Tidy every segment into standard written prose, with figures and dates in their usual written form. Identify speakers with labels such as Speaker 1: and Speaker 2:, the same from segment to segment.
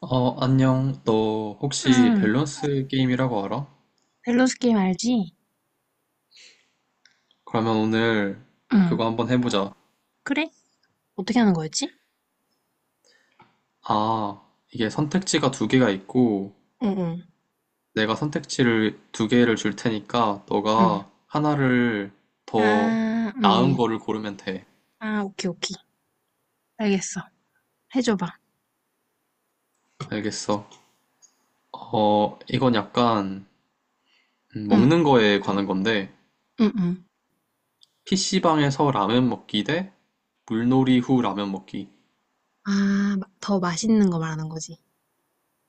Speaker 1: 어, 안녕. 너 혹시
Speaker 2: 응,
Speaker 1: 밸런스 게임이라고 알아?
Speaker 2: 밸런스 게임 알지?
Speaker 1: 그러면 오늘
Speaker 2: 응,
Speaker 1: 그거 한번 해보자.
Speaker 2: 그래? 어떻게 하는 거였지?
Speaker 1: 아, 이게 선택지가 두 개가 있고,
Speaker 2: 응, 응.
Speaker 1: 내가 선택지를 두 개를 줄 테니까,
Speaker 2: 응.
Speaker 1: 너가 하나를 더
Speaker 2: 아,
Speaker 1: 나은
Speaker 2: 응.
Speaker 1: 거를 고르면 돼.
Speaker 2: 아, 오케이, 오케이. 알겠어. 해줘봐.
Speaker 1: 알겠어. 어, 이건 약간,
Speaker 2: 응,
Speaker 1: 먹는 거에 관한 건데,
Speaker 2: 응, 응.
Speaker 1: PC방에서 라면 먹기 대 물놀이 후 라면 먹기.
Speaker 2: 아, 더 맛있는 거 말하는 거지.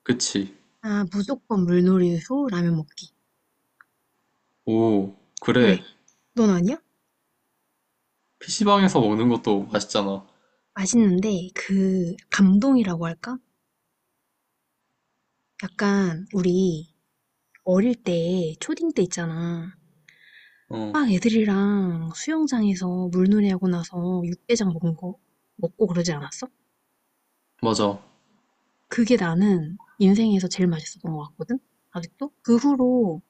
Speaker 1: 그치?
Speaker 2: 아, 무조건 물놀이 후 라면 먹기.
Speaker 1: 오,
Speaker 2: 왜?
Speaker 1: 그래.
Speaker 2: 넌 아니야?
Speaker 1: PC방에서 먹는 것도 맛있잖아.
Speaker 2: 맛있는데, 그, 감동이라고 할까? 약간, 우리, 어릴 때, 초딩 때 있잖아.
Speaker 1: 어,
Speaker 2: 막 애들이랑 수영장에서 물놀이 하고 나서 육개장 먹은 거, 먹고 그러지 않았어?
Speaker 1: 맞아.
Speaker 2: 그게 나는 인생에서 제일 맛있었던 것 같거든? 아직도? 그 후로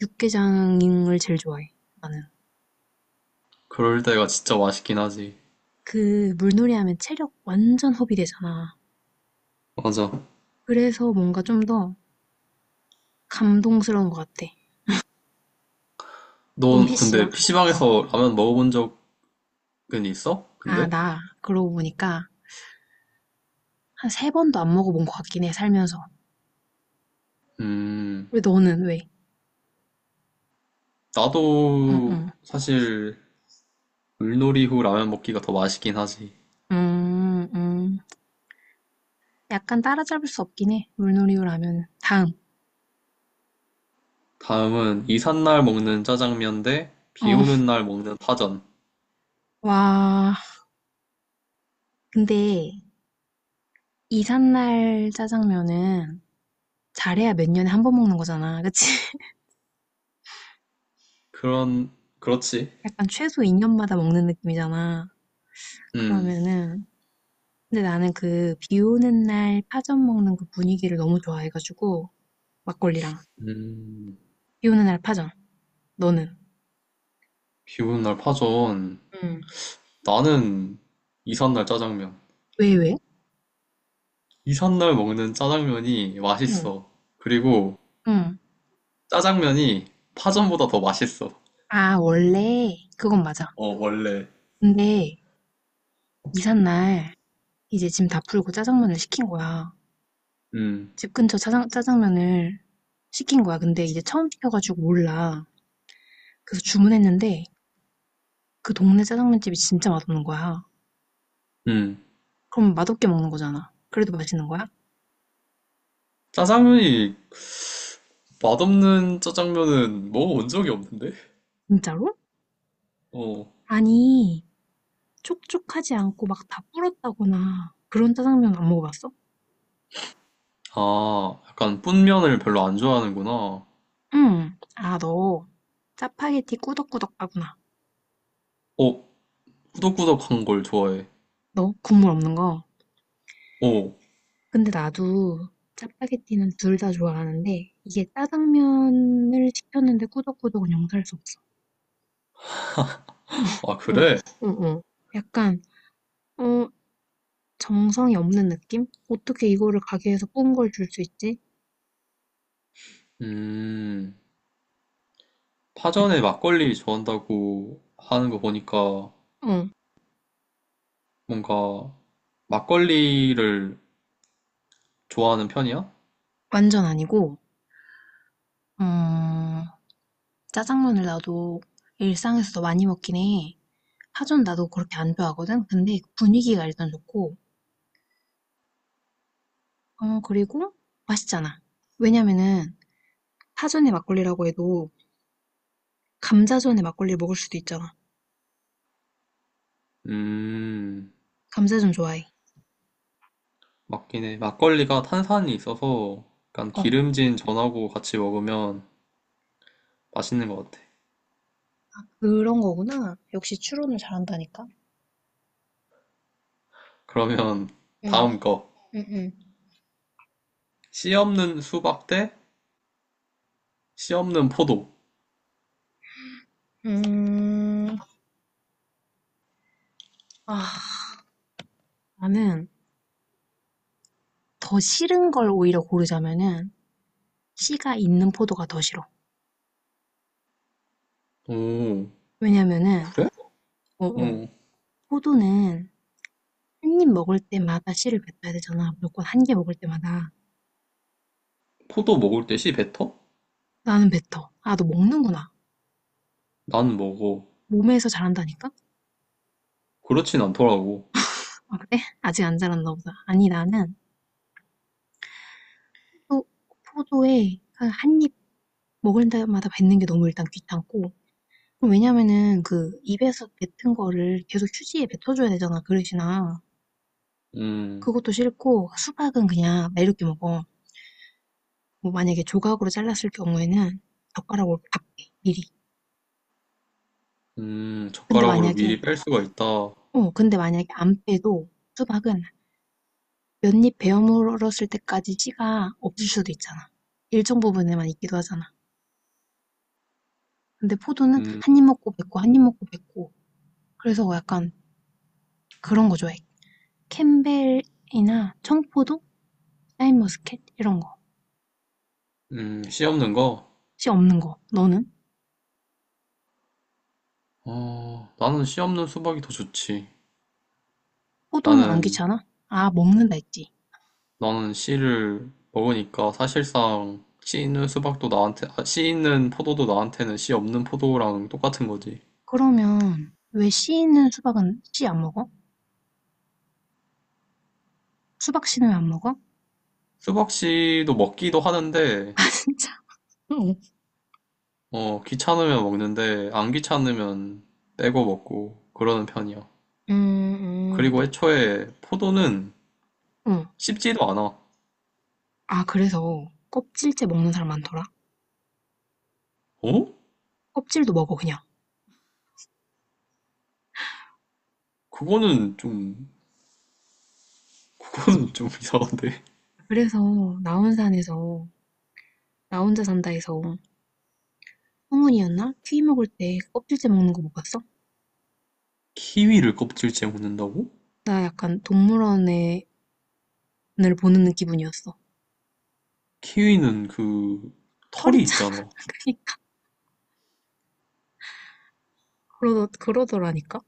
Speaker 2: 육개장을 제일 좋아해, 나는.
Speaker 1: 그럴 때가 진짜 맛있긴 하지.
Speaker 2: 그 물놀이 하면 체력 완전 허비되잖아.
Speaker 1: 맞아.
Speaker 2: 그래서 뭔가 좀 더 감동스러운 것 같아. 넌
Speaker 1: 넌
Speaker 2: PC방?
Speaker 1: 근데
Speaker 2: 어.
Speaker 1: PC방에서 라면 먹어본 적은 있어?
Speaker 2: 아,
Speaker 1: 근데?
Speaker 2: 나 그러고 보니까 한 세 번도 안 먹어본 것 같긴 해, 살면서.
Speaker 1: 음,
Speaker 2: 왜 너는 왜? 응,
Speaker 1: 나도
Speaker 2: 응.
Speaker 1: 사실 물놀이 후 라면 먹기가 더 맛있긴 하지.
Speaker 2: 음, 음. 약간 따라잡을 수 없긴 해, 물놀이라면. 다음.
Speaker 1: 다음은 이삿날 먹는 짜장면 대 비
Speaker 2: 어,
Speaker 1: 오는 날 먹는 파전.
Speaker 2: 와. 근데 이삿날 짜장면은 잘해야 몇 년에 한 번 먹는 거잖아. 그치?
Speaker 1: 그런, 그렇지.
Speaker 2: 약간 최소 2년 년마다 먹는 느낌이잖아.
Speaker 1: 음,
Speaker 2: 그러면은 근데 나는 그 비 오는 날 파전 먹는 그 분위기를 너무 좋아해 가지고 막걸리랑
Speaker 1: 음,
Speaker 2: 비 오는 날 파전. 너는?
Speaker 1: 비 오는 날 파전.
Speaker 2: 응.
Speaker 1: 나는 이삿날 짜장면.
Speaker 2: 왜, 왜?
Speaker 1: 이삿날 먹는 짜장면이
Speaker 2: 응.
Speaker 1: 맛있어. 그리고
Speaker 2: 응.
Speaker 1: 짜장면이 파전보다 더 맛있어.
Speaker 2: 아, 원래 그건 맞아.
Speaker 1: 어, 원래.
Speaker 2: 근데 이삿 날 이제 짐 다 풀고 짜장면을 시킨 거야.
Speaker 1: 음,
Speaker 2: 집 근처 짜장면을 시킨 거야. 근데 이제 처음 시켜가지고 몰라. 그래서 주문했는데 그 동네 짜장면집이 진짜 맛없는 거야.
Speaker 1: 음.
Speaker 2: 그럼 맛없게 먹는 거잖아. 그래도 맛있는 거야?
Speaker 1: 짜장면이 맛없는 짜장면은 먹어본 적이 없는데?
Speaker 2: 진짜로?
Speaker 1: 어,
Speaker 2: 아니, 촉촉하지 않고 막 다 불었다거나 그런 짜장면 안 먹어봤어?
Speaker 1: 아, 약간 뿐면을 별로 안 좋아하는구나.
Speaker 2: 응. 아, 너 짜파게티 꾸덕꾸덕 하구나.
Speaker 1: 어, 꾸덕꾸덕한 걸 좋아해.
Speaker 2: 너 국물 없는 거.
Speaker 1: 어,
Speaker 2: 근데 나도 짜파게티는 둘 다 좋아하는데 이게 짜장면을 시켰는데 꾸덕꾸덕은 용서할 수 없어.
Speaker 1: 아,
Speaker 2: 응
Speaker 1: 그래?
Speaker 2: 응. 응 응. 약간 어, 정성이 없는 느낌? 어떻게 이거를 가게에서 뽑은 걸 줄 수 있지?
Speaker 1: 음,
Speaker 2: 응.
Speaker 1: 파전에 막걸리 좋아한다고 하는 거 보니까
Speaker 2: 어,
Speaker 1: 뭔가 막걸리를 좋아하는 편이야?
Speaker 2: 완전 아니고 음, 짜장면을 나도 일상에서도 많이 먹긴 해. 파전 나도 그렇게 안 좋아하거든? 근데 그 분위기가 일단 좋고, 어, 그리고 맛있잖아. 왜냐면은 파전의 막걸리라고 해도 감자전에 막걸리를 먹을 수도 있잖아.
Speaker 1: 음,
Speaker 2: 감자전 좋아해.
Speaker 1: 맞긴 해. 막걸리가 탄산이 있어서 약간
Speaker 2: 어,
Speaker 1: 기름진 전하고 같이 먹으면 맛있는 것 같아.
Speaker 2: 그런 거구나. 역시 추론을 잘한다니까.
Speaker 1: 그러면
Speaker 2: 응,
Speaker 1: 다음 거.
Speaker 2: 응, 응.
Speaker 1: 씨 없는 수박 대 씨 없는 포도.
Speaker 2: 음, 아, 나는 더 싫은 걸 오히려 고르자면은 씨가 있는 포도가 더 싫어.
Speaker 1: 오,
Speaker 2: 왜냐면은,
Speaker 1: 그래?
Speaker 2: 어, 어,
Speaker 1: 응.
Speaker 2: 포도는 한 입 먹을 때마다 씨를 뱉어야 되잖아 무조건 한 개 먹을 때마다.
Speaker 1: 포도 먹을 때 씨 뱉어?
Speaker 2: 나는 뱉어. '아 너 먹는구나.
Speaker 1: 난 먹어.
Speaker 2: 몸에서 자란다니까?'
Speaker 1: 그렇진 않더라고.
Speaker 2: '아 그래? 아직 안 자랐나 보다.' 아니 나는 포도 포도에 한 입 먹을 때마다 뱉는 게 너무 일단 귀찮고 그 왜냐면은 그 입에서 뱉은 거를 계속 휴지에 뱉어줘야 되잖아 그릇이나.
Speaker 1: 음,
Speaker 2: 그것도 싫고 수박은 그냥 매렵게 먹어. 뭐 만약에 조각으로 잘랐을 경우에는 젓가락으로 다 빼 미리. 근데
Speaker 1: 젓가락으로
Speaker 2: 만약에
Speaker 1: 미리 뺄 수가 있다.
Speaker 2: 어 근데 만약에 안 빼도 수박은 몇 입 베어 물었을 때까지 씨가 없을 수도 있잖아. 일정 부분에만 있기도 하잖아. 근데 포도는
Speaker 1: 음,
Speaker 2: 한 입 먹고 뱉고 한 입 먹고 뱉고 그래서 약간 그런 거 좋아해. 캠벨이나 청포도, 샤인머스켓 이런 거.
Speaker 1: 씨 없는 거?
Speaker 2: 씨 없는 거. 너는?
Speaker 1: 어, 나는 씨 없는 수박이 더 좋지.
Speaker 2: 포도는 안
Speaker 1: 나는
Speaker 2: 귀찮아? 아 먹는다 했지.
Speaker 1: 나는 씨를 먹으니까 사실상 씨 있는 수박도 나한테, 아, 씨 있는 포도도 나한테는 씨 없는 포도랑 똑같은 거지.
Speaker 2: 그러면 왜 씨 있는 수박은 씨 안 먹어? 수박 씨는 왜 안 먹어?
Speaker 1: 수박 씨도 먹기도 하는데,
Speaker 2: 아 진짜. 응.
Speaker 1: 어, 귀찮으면 먹는데, 안 귀찮으면 떼고 먹고, 그러는 편이야.
Speaker 2: 음.
Speaker 1: 그리고
Speaker 2: 그래.
Speaker 1: 애초에 포도는
Speaker 2: 응.
Speaker 1: 씹지도 않아.
Speaker 2: 아 그래서 껍질째 먹는 사람 많더라.
Speaker 1: 어?
Speaker 2: 껍질도 먹어 그냥.
Speaker 1: 그거는 좀, 그거는 좀 이상한데.
Speaker 2: 그래서 나 혼산에서 나 혼자 산다에서 성훈이었나? 퀴 먹을 때 껍질째 먹는 거 못 봤어?
Speaker 1: 키위를 껍질째 먹는다고?
Speaker 2: 나 약간 동물원을 보는 기분이었어.
Speaker 1: 키위는 그,
Speaker 2: 털
Speaker 1: 털이
Speaker 2: 있잖아.
Speaker 1: 있잖아.
Speaker 2: 그러니까 그러더라니까.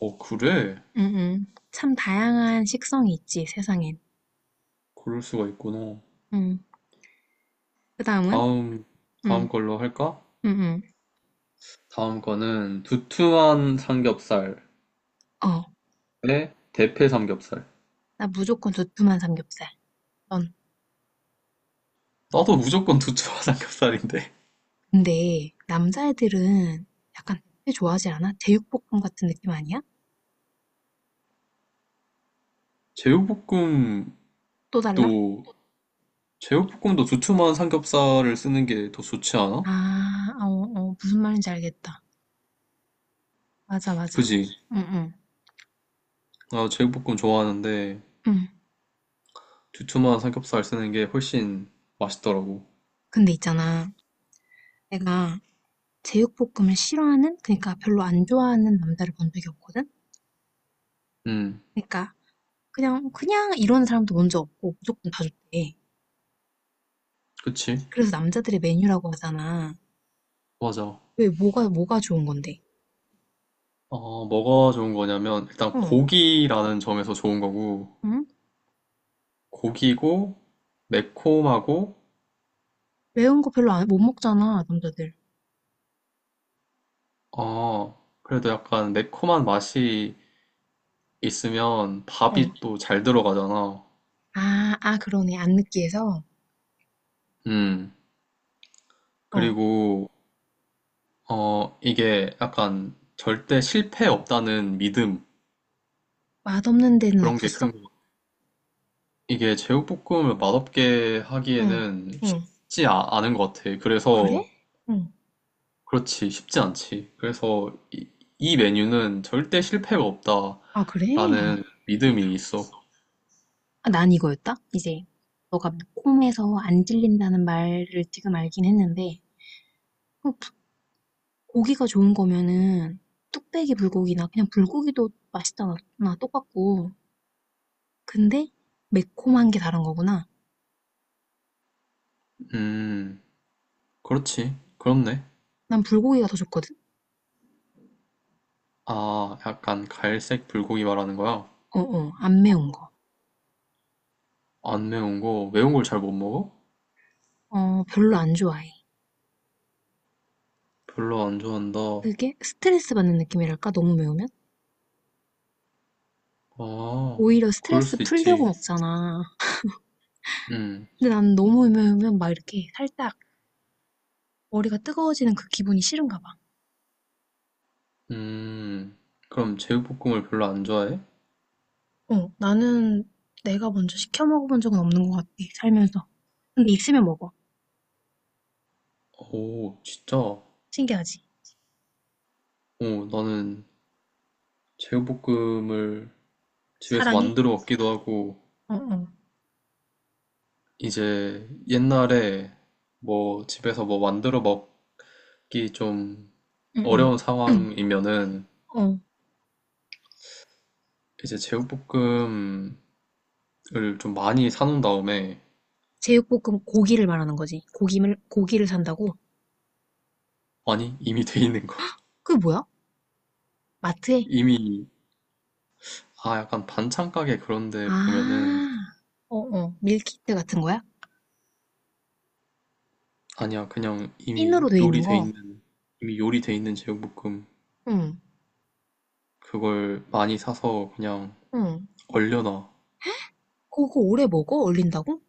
Speaker 1: 어, 그래?
Speaker 2: 응응. 참 다양한 식성이 있지 세상엔.
Speaker 1: 그럴 수가 있구나.
Speaker 2: 응. 그 다음은
Speaker 1: 다음,
Speaker 2: 응.
Speaker 1: 다음 걸로 할까?
Speaker 2: 응응.
Speaker 1: 다음 거는 두툼한 삼겹살에
Speaker 2: 어.
Speaker 1: 대패 삼겹살.
Speaker 2: 나 무조건 두툼한 삼겹살. 넌.
Speaker 1: 나도 무조건 두툼한 삼겹살인데.
Speaker 2: 근데 남자애들은 약간 회 좋아하지 않아? 제육볶음 같은 느낌 아니야?
Speaker 1: 제육볶음도,
Speaker 2: 또 달라?
Speaker 1: 제육볶음도 두툼한 삼겹살을 쓰는 게 더 좋지 않아?
Speaker 2: 아, 어, 어, 무슨 말인지 알겠다. 맞아, 맞아.
Speaker 1: 그지?
Speaker 2: 응응.
Speaker 1: 나 제육볶음 좋아하는데,
Speaker 2: 응.
Speaker 1: 두툼한 삼겹살 쓰는 게 훨씬 맛있더라고.
Speaker 2: 근데 있잖아. 내가 제육볶음을 싫어하는 그러니까 별로 안 좋아하는 남자를 본 적이 없거든.
Speaker 1: 음,
Speaker 2: 그러니까 그냥 그냥 이런 사람도 먼저 없고 무조건 다 좋대.
Speaker 1: 그치?
Speaker 2: 그래서 남자들의 메뉴라고 하잖아.
Speaker 1: 맞아.
Speaker 2: 왜 뭐가 뭐가 좋은 건데?
Speaker 1: 어, 뭐가 좋은 거냐면, 일단
Speaker 2: 어.
Speaker 1: 고기라는 점에서 좋은 거고,
Speaker 2: 응?
Speaker 1: 고기고, 매콤하고,
Speaker 2: 매운 거 별로 안, 못 먹잖아, 남자들.
Speaker 1: 아, 그래도 약간 매콤한 맛이 있으면
Speaker 2: 어.
Speaker 1: 밥이 또 잘 들어가잖아.
Speaker 2: 아, 아 그러네. 안 느끼해서.
Speaker 1: 음,
Speaker 2: 어.
Speaker 1: 그리고, 어, 이게 약간 절대 실패 없다는 믿음,
Speaker 2: 맛없는 데는
Speaker 1: 그런 게 큰
Speaker 2: 없었어?
Speaker 1: 거. 같아. 이게 제육볶음을 맛없게
Speaker 2: 응.
Speaker 1: 하기에는
Speaker 2: 응.
Speaker 1: 않은 것 같아.
Speaker 2: 그래?
Speaker 1: 그래서,
Speaker 2: 응.
Speaker 1: 그렇지, 쉽지 않지. 그래서 이 메뉴는 절대 실패가
Speaker 2: 아, 그래?
Speaker 1: 없다라는 믿음이 있어.
Speaker 2: 아, 난 이거였다? 이제 너가 콤에서 안 질린다는 말을 지금 알긴 했는데 그 부- 고기가 좋은 거면은 뚝배기 불고기나 그냥 불고기도 맛있잖아 나 똑같고 근데 매콤한 게 다른 거구나.
Speaker 1: 음, 그렇지. 그렇네.
Speaker 2: 난 불고기가 더 좋거든.
Speaker 1: 아, 약간 갈색 불고기 말하는 거야?
Speaker 2: 어어 안 매운
Speaker 1: 안 매운 거? 매운 걸 잘 못 먹어?
Speaker 2: 거어 별로 안 좋아해.
Speaker 1: 별로 안 좋아한다.
Speaker 2: 그게 스트레스 받는 느낌이랄까 너무 매우면
Speaker 1: 아,
Speaker 2: 오히려
Speaker 1: 그럴
Speaker 2: 스트레스
Speaker 1: 수
Speaker 2: 풀려고
Speaker 1: 있지.
Speaker 2: 먹잖아.
Speaker 1: 음,
Speaker 2: 근데 난 너무 매우면 막 이렇게 살짝 머리가 뜨거워지는 그 기분이 싫은가 봐.
Speaker 1: 음. 그럼 제육볶음을 별로 안 좋아해?
Speaker 2: 어, 나는 내가 먼저 시켜 먹어본 적은 없는 것 같아, 살면서. 근데 있으면 먹어.
Speaker 1: 오, 진짜? 오,
Speaker 2: 신기하지?
Speaker 1: 나는 제육볶음을 집에서
Speaker 2: 사랑이?
Speaker 1: 만들어 먹기도 하고,
Speaker 2: 어, 어,
Speaker 1: 이제 옛날에 뭐 집에서 뭐 만들어 먹기 좀
Speaker 2: 응, 응.
Speaker 1: 어려운
Speaker 2: 응,
Speaker 1: 상황이면은
Speaker 2: 어,
Speaker 1: 이제 제육볶음을 좀 많이 사놓은 다음에
Speaker 2: 제육볶음 고기를 말하는 거지. 고기를 산다고?
Speaker 1: 아니, 이미 돼 있는 거.
Speaker 2: 그게 뭐야? 마트에?
Speaker 1: 이미, 아, 약간 반찬 가게 그런데 보면은,
Speaker 2: 아, 어, 어. 밀키트 같은 거야?
Speaker 1: 아니야, 그냥 이미
Speaker 2: 찐으로 돼 있는
Speaker 1: 요리돼
Speaker 2: 거?
Speaker 1: 있는, 이미 요리돼 있는 제육볶음.
Speaker 2: 응,
Speaker 1: 그걸 많이 사서 그냥
Speaker 2: 응.
Speaker 1: 얼려놔.
Speaker 2: 그거 오래 먹어? 얼린다고?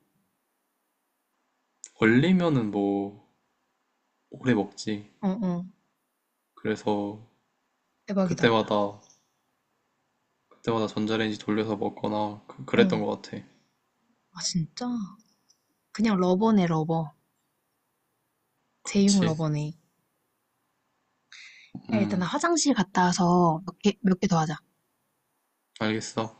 Speaker 1: 얼리면은 뭐, 오래 먹지.
Speaker 2: 어, 어.
Speaker 1: 그래서,
Speaker 2: 대박이다.
Speaker 1: 그때마다, 그때마다 전자레인지 돌려서 먹거나, 그,
Speaker 2: 응.
Speaker 1: 랬던것 같아.
Speaker 2: 아, 진짜? 그냥 러버네, 러버. 제육
Speaker 1: 그렇지.
Speaker 2: 러버네. 야, 일단 나
Speaker 1: 음,
Speaker 2: 화장실 갔다 와서 몇 개, 몇 개 더 하자.
Speaker 1: 알겠어.